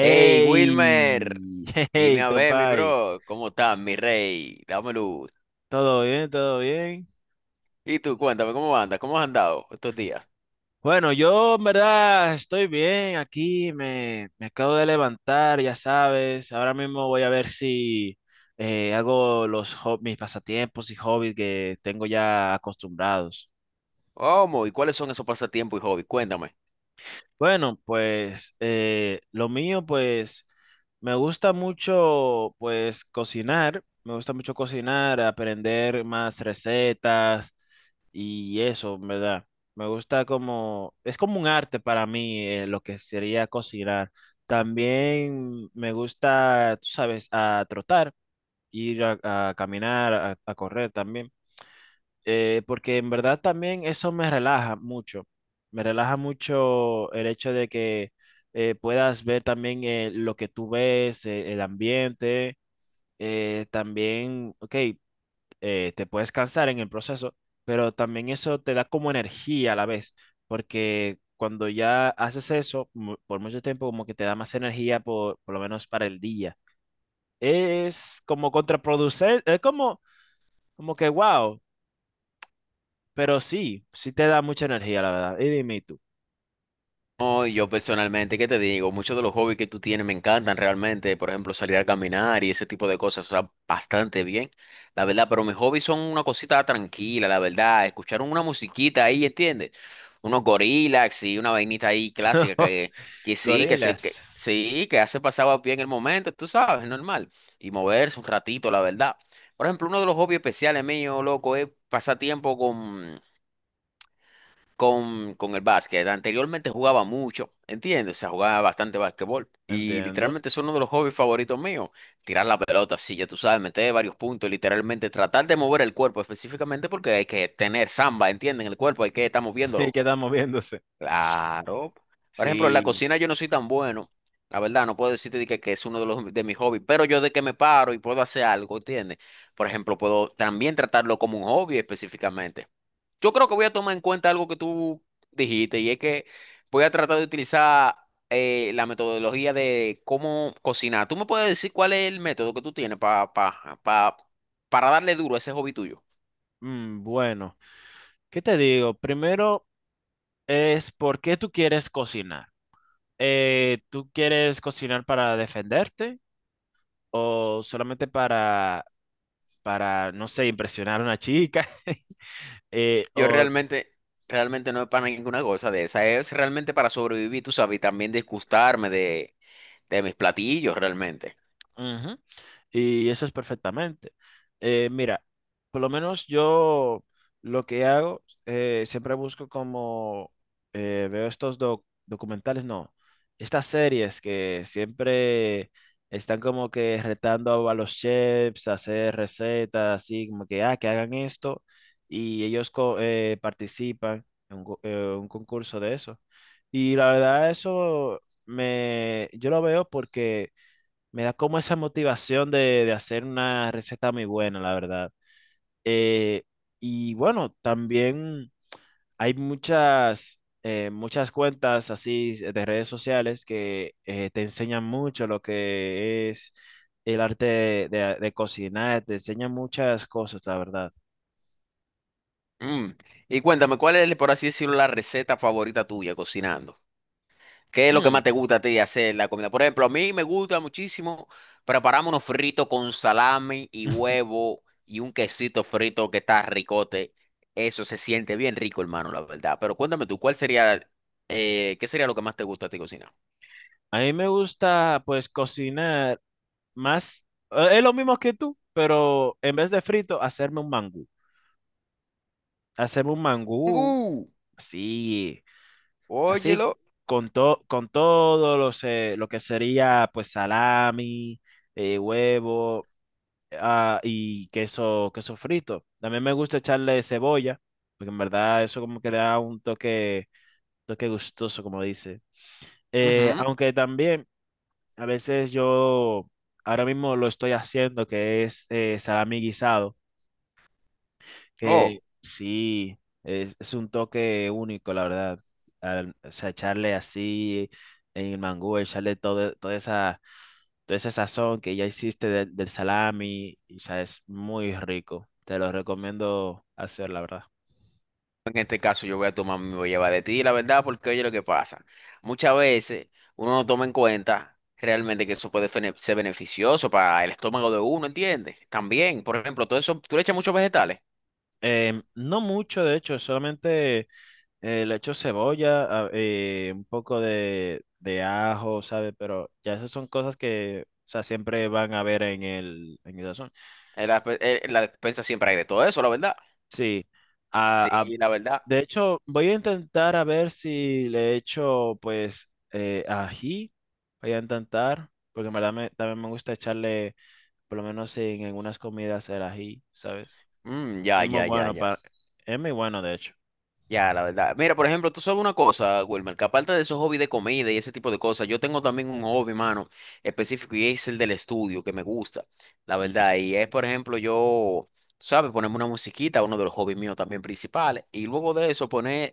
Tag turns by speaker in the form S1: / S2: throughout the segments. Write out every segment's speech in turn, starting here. S1: Hey, Wilmer, dime
S2: hey,
S1: a ver, mi
S2: compay,
S1: bro, ¿cómo estás, mi rey? Dame luz.
S2: ¿todo bien? ¿Todo bien?
S1: Y tú, cuéntame, ¿cómo andas? ¿Cómo has andado estos días?
S2: Bueno, yo en verdad estoy bien aquí, me acabo de levantar, ya sabes. Ahora mismo voy a ver si hago mis pasatiempos y hobbies que tengo ya acostumbrados.
S1: ¿Cómo? ¿Y cuáles son esos pasatiempos y hobbies? Cuéntame.
S2: Bueno, pues lo mío, pues me gusta mucho, pues cocinar, me gusta mucho cocinar, aprender más recetas y eso, ¿en verdad? Me gusta como, es como un arte para mí, lo que sería cocinar. También me gusta, tú sabes, a trotar, ir a caminar, a correr también, porque en verdad también eso me relaja mucho. Me relaja mucho el hecho de que puedas ver también, lo que tú ves, el ambiente, también, ok, te puedes cansar en el proceso, pero también eso te da como energía a la vez, porque cuando ya haces eso por mucho tiempo, como que te da más energía por lo menos para el día. Es como contraproducente, es como, como que, wow. Pero sí, sí te da mucha energía, la verdad. Y dime tú.
S1: No, yo personalmente, ¿qué te digo? Muchos de los hobbies que tú tienes me encantan realmente, por ejemplo, salir a caminar y ese tipo de cosas, o sea, bastante bien, la verdad, pero mis hobbies son una cosita tranquila, la verdad, escuchar una musiquita ahí, ¿entiendes? Unos gorilas y una vainita ahí clásica que sí, que se, que,
S2: Gorilas.
S1: sí, que hace pasaba bien el momento, tú sabes, normal, y moverse un ratito, la verdad. Por ejemplo, uno de los hobbies especiales míos, loco, es pasar tiempo con el básquet. Anteriormente jugaba mucho, ¿entiendes? O sea, jugaba bastante básquetbol. Y
S2: Entiendo.
S1: literalmente es uno de los hobbies favoritos míos. Tirar la pelota, sí, ya tú sabes, meter varios puntos, literalmente tratar de mover el cuerpo específicamente porque hay que tener samba, ¿entienden? El cuerpo hay que estar
S2: Y
S1: moviéndolo.
S2: queda moviéndose.
S1: Claro. Por ejemplo, en la
S2: Sí.
S1: cocina yo no soy tan bueno. La verdad, no puedo decirte de que es uno de los de mis hobbies, pero yo de que me paro y puedo hacer algo, ¿entiendes? Por ejemplo, puedo también tratarlo como un hobby específicamente. Yo creo que voy a tomar en cuenta algo que tú dijiste y es que voy a tratar de utilizar la metodología de cómo cocinar. ¿Tú me puedes decir cuál es el método que tú tienes para darle duro a ese hobby tuyo?
S2: Mm, bueno, ¿qué te digo? Primero es por qué tú quieres cocinar. ¿Tú quieres cocinar para defenderte o solamente para, no sé, impresionar a una chica?
S1: Yo
S2: ¿O
S1: realmente, realmente no es para ninguna cosa de esa, es realmente para sobrevivir, tú sabes, y también disgustarme de mis platillos realmente.
S2: ujú? Y eso es perfectamente. Mira, por lo menos yo lo que hago, siempre busco como, veo estos documentales, no, estas series que siempre están como que retando a los chefs a hacer recetas, así como que, ah, que hagan esto, y ellos participan en un, un concurso de eso. Y la verdad, eso me, yo lo veo porque me da como esa motivación de hacer una receta muy buena, la verdad. Eh, y bueno, también hay muchas, muchas cuentas así de redes sociales que te enseñan mucho lo que es el arte de, de cocinar, te enseñan muchas cosas, la verdad.
S1: Mm. Y cuéntame, ¿cuál es, por así decirlo, la receta favorita tuya cocinando? ¿Qué es lo que
S2: Mm.
S1: más te gusta a ti hacer la comida? Por ejemplo, a mí me gusta muchísimo prepararme unos fritos con salami y huevo y un quesito frito que está ricote. Eso se siente bien rico, hermano, la verdad. Pero cuéntame tú, ¿cuál sería, qué sería lo que más te gusta a ti cocinar?
S2: A mí me gusta pues cocinar más, es lo mismo que tú, pero en vez de frito, hacerme un mangú. Hacerme un mangú,
S1: Tengu,
S2: sí. Así,
S1: óyelo.
S2: con, con todo los, lo que sería pues salami, huevo, ah, y queso, queso frito. También me gusta echarle cebolla, porque en verdad eso como que le da un toque, toque gustoso, como dice.
S1: Ujú.
S2: Aunque también a veces yo ahora mismo lo estoy haciendo, que es salami guisado. Que
S1: Oh.
S2: sí, es un toque único, la verdad. O sea, echarle así en el mangú, echarle todo, toda esa sazón que ya hiciste del salami, y, o sea, es muy rico. Te lo recomiendo hacer, la verdad.
S1: En este caso yo voy a tomar mi llevar de ti, la verdad, porque oye lo que pasa. Muchas veces uno no toma en cuenta realmente que eso puede ser beneficioso para el estómago de uno, ¿entiendes? También, por ejemplo, todo eso, tú le echas muchos vegetales.
S2: Em, no mucho, de hecho, solamente le echo cebolla, un poco de ajo, sabe. Pero ya esas son cosas que, o sea, siempre van a ver en el sazón.
S1: En la, pe- en la despensa siempre hay de todo eso, la verdad.
S2: Sí. A,
S1: Sí, la verdad.
S2: de hecho, voy a intentar a ver si le echo, pues, ají. Voy a intentar, porque en verdad también me gusta echarle, por lo menos en algunas comidas, el ají, ¿sabes?
S1: Mm,
S2: Es muy bueno
S1: ya.
S2: para... Es muy bueno, de hecho.
S1: Ya, la verdad. Mira, por ejemplo, tú sabes una cosa, Wilmer, que aparte de esos hobbies de comida y ese tipo de cosas, yo tengo también un hobby, mano, específico y es el del estudio, que me gusta, la verdad.
S2: Mm.
S1: Y es, por ejemplo, yo, ¿sabes? Ponerme una musiquita, uno de los hobbies míos también principales. Y luego de eso, poner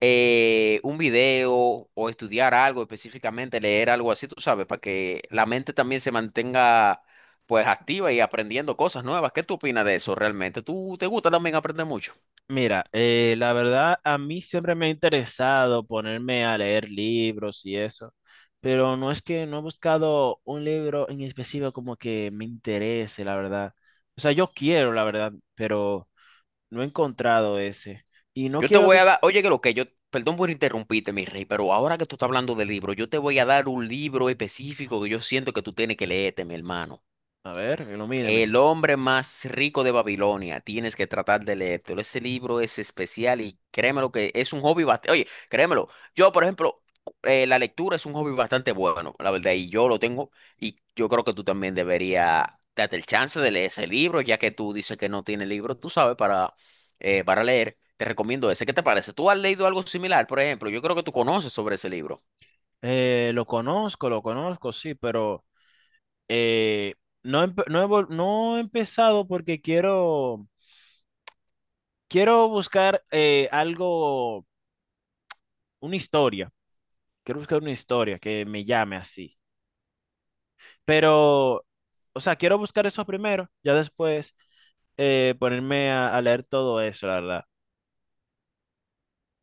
S1: un video o estudiar algo específicamente, leer algo así, tú sabes, para que la mente también se mantenga, pues, activa y aprendiendo cosas nuevas. ¿Qué tú opinas de eso realmente? ¿Tú te gusta también aprender mucho?
S2: Mira, la verdad, a mí siempre me ha interesado ponerme a leer libros y eso, pero no es que no he buscado un libro en específico como que me interese, la verdad. O sea, yo quiero, la verdad, pero... No he encontrado ese. Y no
S1: Yo te
S2: quiero...
S1: voy a
S2: di-
S1: dar, oye, que lo que yo, perdón por interrumpirte, mi rey, pero ahora que tú estás hablando de libro, yo te voy a dar un libro específico que yo siento que tú tienes que leerte, mi hermano.
S2: A ver, ilumíneme.
S1: El hombre más rico de Babilonia, tienes que tratar de leértelo. Ese libro es especial y créemelo que es un hobby bastante. Oye, créemelo, yo, por ejemplo, la lectura es un hobby bastante bueno, la verdad, y yo lo tengo. Y yo creo que tú también deberías darte el chance de leer ese libro, ya que tú dices que no tienes libro, tú sabes, para leer. Te recomiendo ese. ¿Qué te parece? ¿Tú has leído algo similar, por ejemplo? Yo creo que tú conoces sobre ese libro.
S2: Lo conozco, sí, pero eh, no, no, no he empezado porque quiero, quiero buscar algo, una historia. Quiero buscar una historia que me llame así. Pero, o sea, quiero buscar eso primero, ya después ponerme a leer todo eso, la verdad.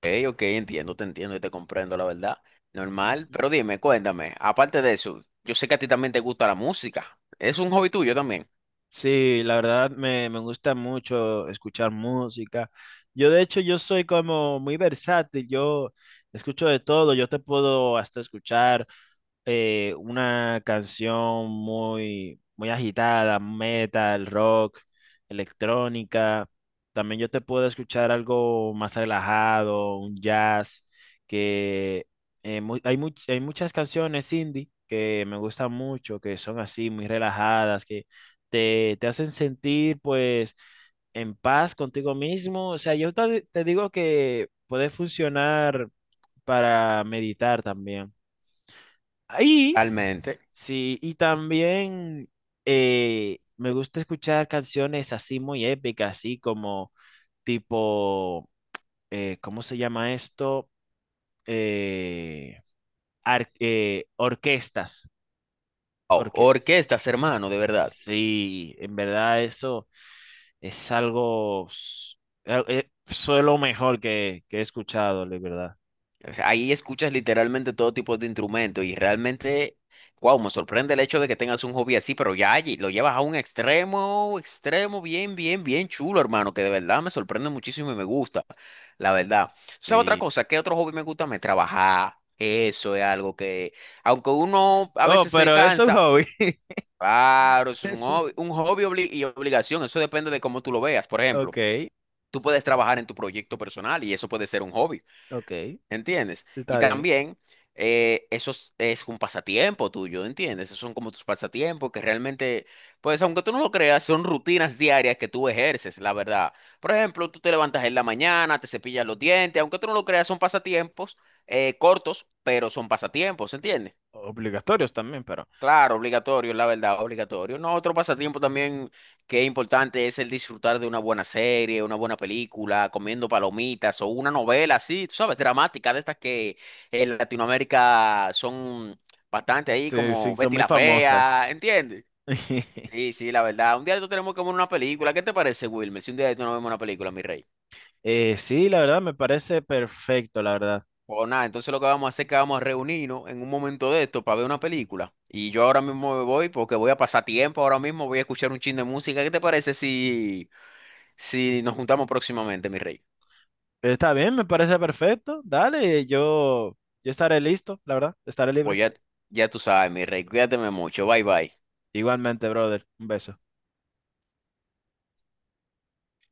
S1: Ok, ok, entiendo, te entiendo y te comprendo, la verdad. Normal,
S2: Ujú.
S1: pero dime, cuéntame, aparte de eso, yo sé que a ti también te gusta la música. Es un hobby tuyo también.
S2: Sí, la verdad me, me gusta mucho escuchar música. Yo de hecho yo soy como muy versátil, yo escucho de todo, yo te puedo hasta escuchar una canción muy, muy agitada, metal, rock, electrónica. También yo te puedo escuchar algo más relajado, un jazz, que hay muchas canciones indie que me gustan mucho, que son así, muy relajadas, te hacen sentir pues en paz contigo mismo. O sea, yo te, te digo que puede funcionar para meditar también. Ahí,
S1: Realmente.
S2: sí, y también me gusta escuchar canciones así muy épicas, así como tipo, ¿cómo se llama esto? Eh, orquestas.
S1: Oh,
S2: Orque
S1: orquestas, hermano, de verdad.
S2: sí, en verdad eso. Es algo, fue lo mejor que he escuchado, de verdad.
S1: O sea, ahí escuchas literalmente todo tipo de instrumentos y realmente, wow, me sorprende el hecho de que tengas un hobby así, pero ya allí lo llevas a un extremo, extremo, bien, bien, bien chulo, hermano, que de verdad me sorprende muchísimo y me gusta, la verdad. ¿Sabes otra
S2: Sí.
S1: cosa? ¿Qué otro hobby me gusta? Me trabajar. Eso es algo que, aunque uno a
S2: Oh,
S1: veces se
S2: pero es un
S1: cansa,
S2: hobby.
S1: claro, eso es
S2: Sí.
S1: un hobby y obligación, eso depende de cómo tú lo veas. Por ejemplo,
S2: Ok,
S1: tú puedes trabajar en tu proyecto personal y eso puede ser un hobby.
S2: ok,
S1: ¿Entiendes? Y
S2: está bien.
S1: también es un pasatiempo tuyo, ¿entiendes? Esos son como tus pasatiempos que realmente, pues aunque tú no lo creas, son rutinas diarias que tú ejerces, la verdad. Por ejemplo, tú te levantas en la mañana, te cepillas los dientes, aunque tú no lo creas, son pasatiempos cortos, pero son pasatiempos, ¿entiendes?
S2: Obligatorios también, pero
S1: Claro, obligatorio, la verdad, obligatorio. No, otro pasatiempo también que es importante es el disfrutar de una buena serie, una buena película, comiendo palomitas o una novela así, tú sabes, dramática, de estas que en Latinoamérica son bastante ahí,
S2: sí,
S1: como
S2: sí, son
S1: Betty
S2: muy
S1: la
S2: famosas.
S1: Fea, ¿entiendes? Sí, sí, la verdad. Un día de estos tenemos que ver una película. ¿Qué te parece, Wilmer? Si un día de estos no vemos una película, mi rey.
S2: Sí, la verdad, me parece perfecto, la verdad.
S1: Pues nada, entonces lo que vamos a hacer es que vamos a reunirnos en un momento de esto para ver una película. Y yo ahora mismo me voy porque voy a pasar tiempo, ahora mismo voy a escuchar un chin de música. ¿Qué te parece si, si nos juntamos próximamente, mi rey?
S2: Está bien, me parece perfecto. Dale, yo estaré listo, la verdad, estaré libre.
S1: Pues ya, ya tú sabes, mi rey, cuídate mucho, bye bye.
S2: Igualmente, brother, un beso.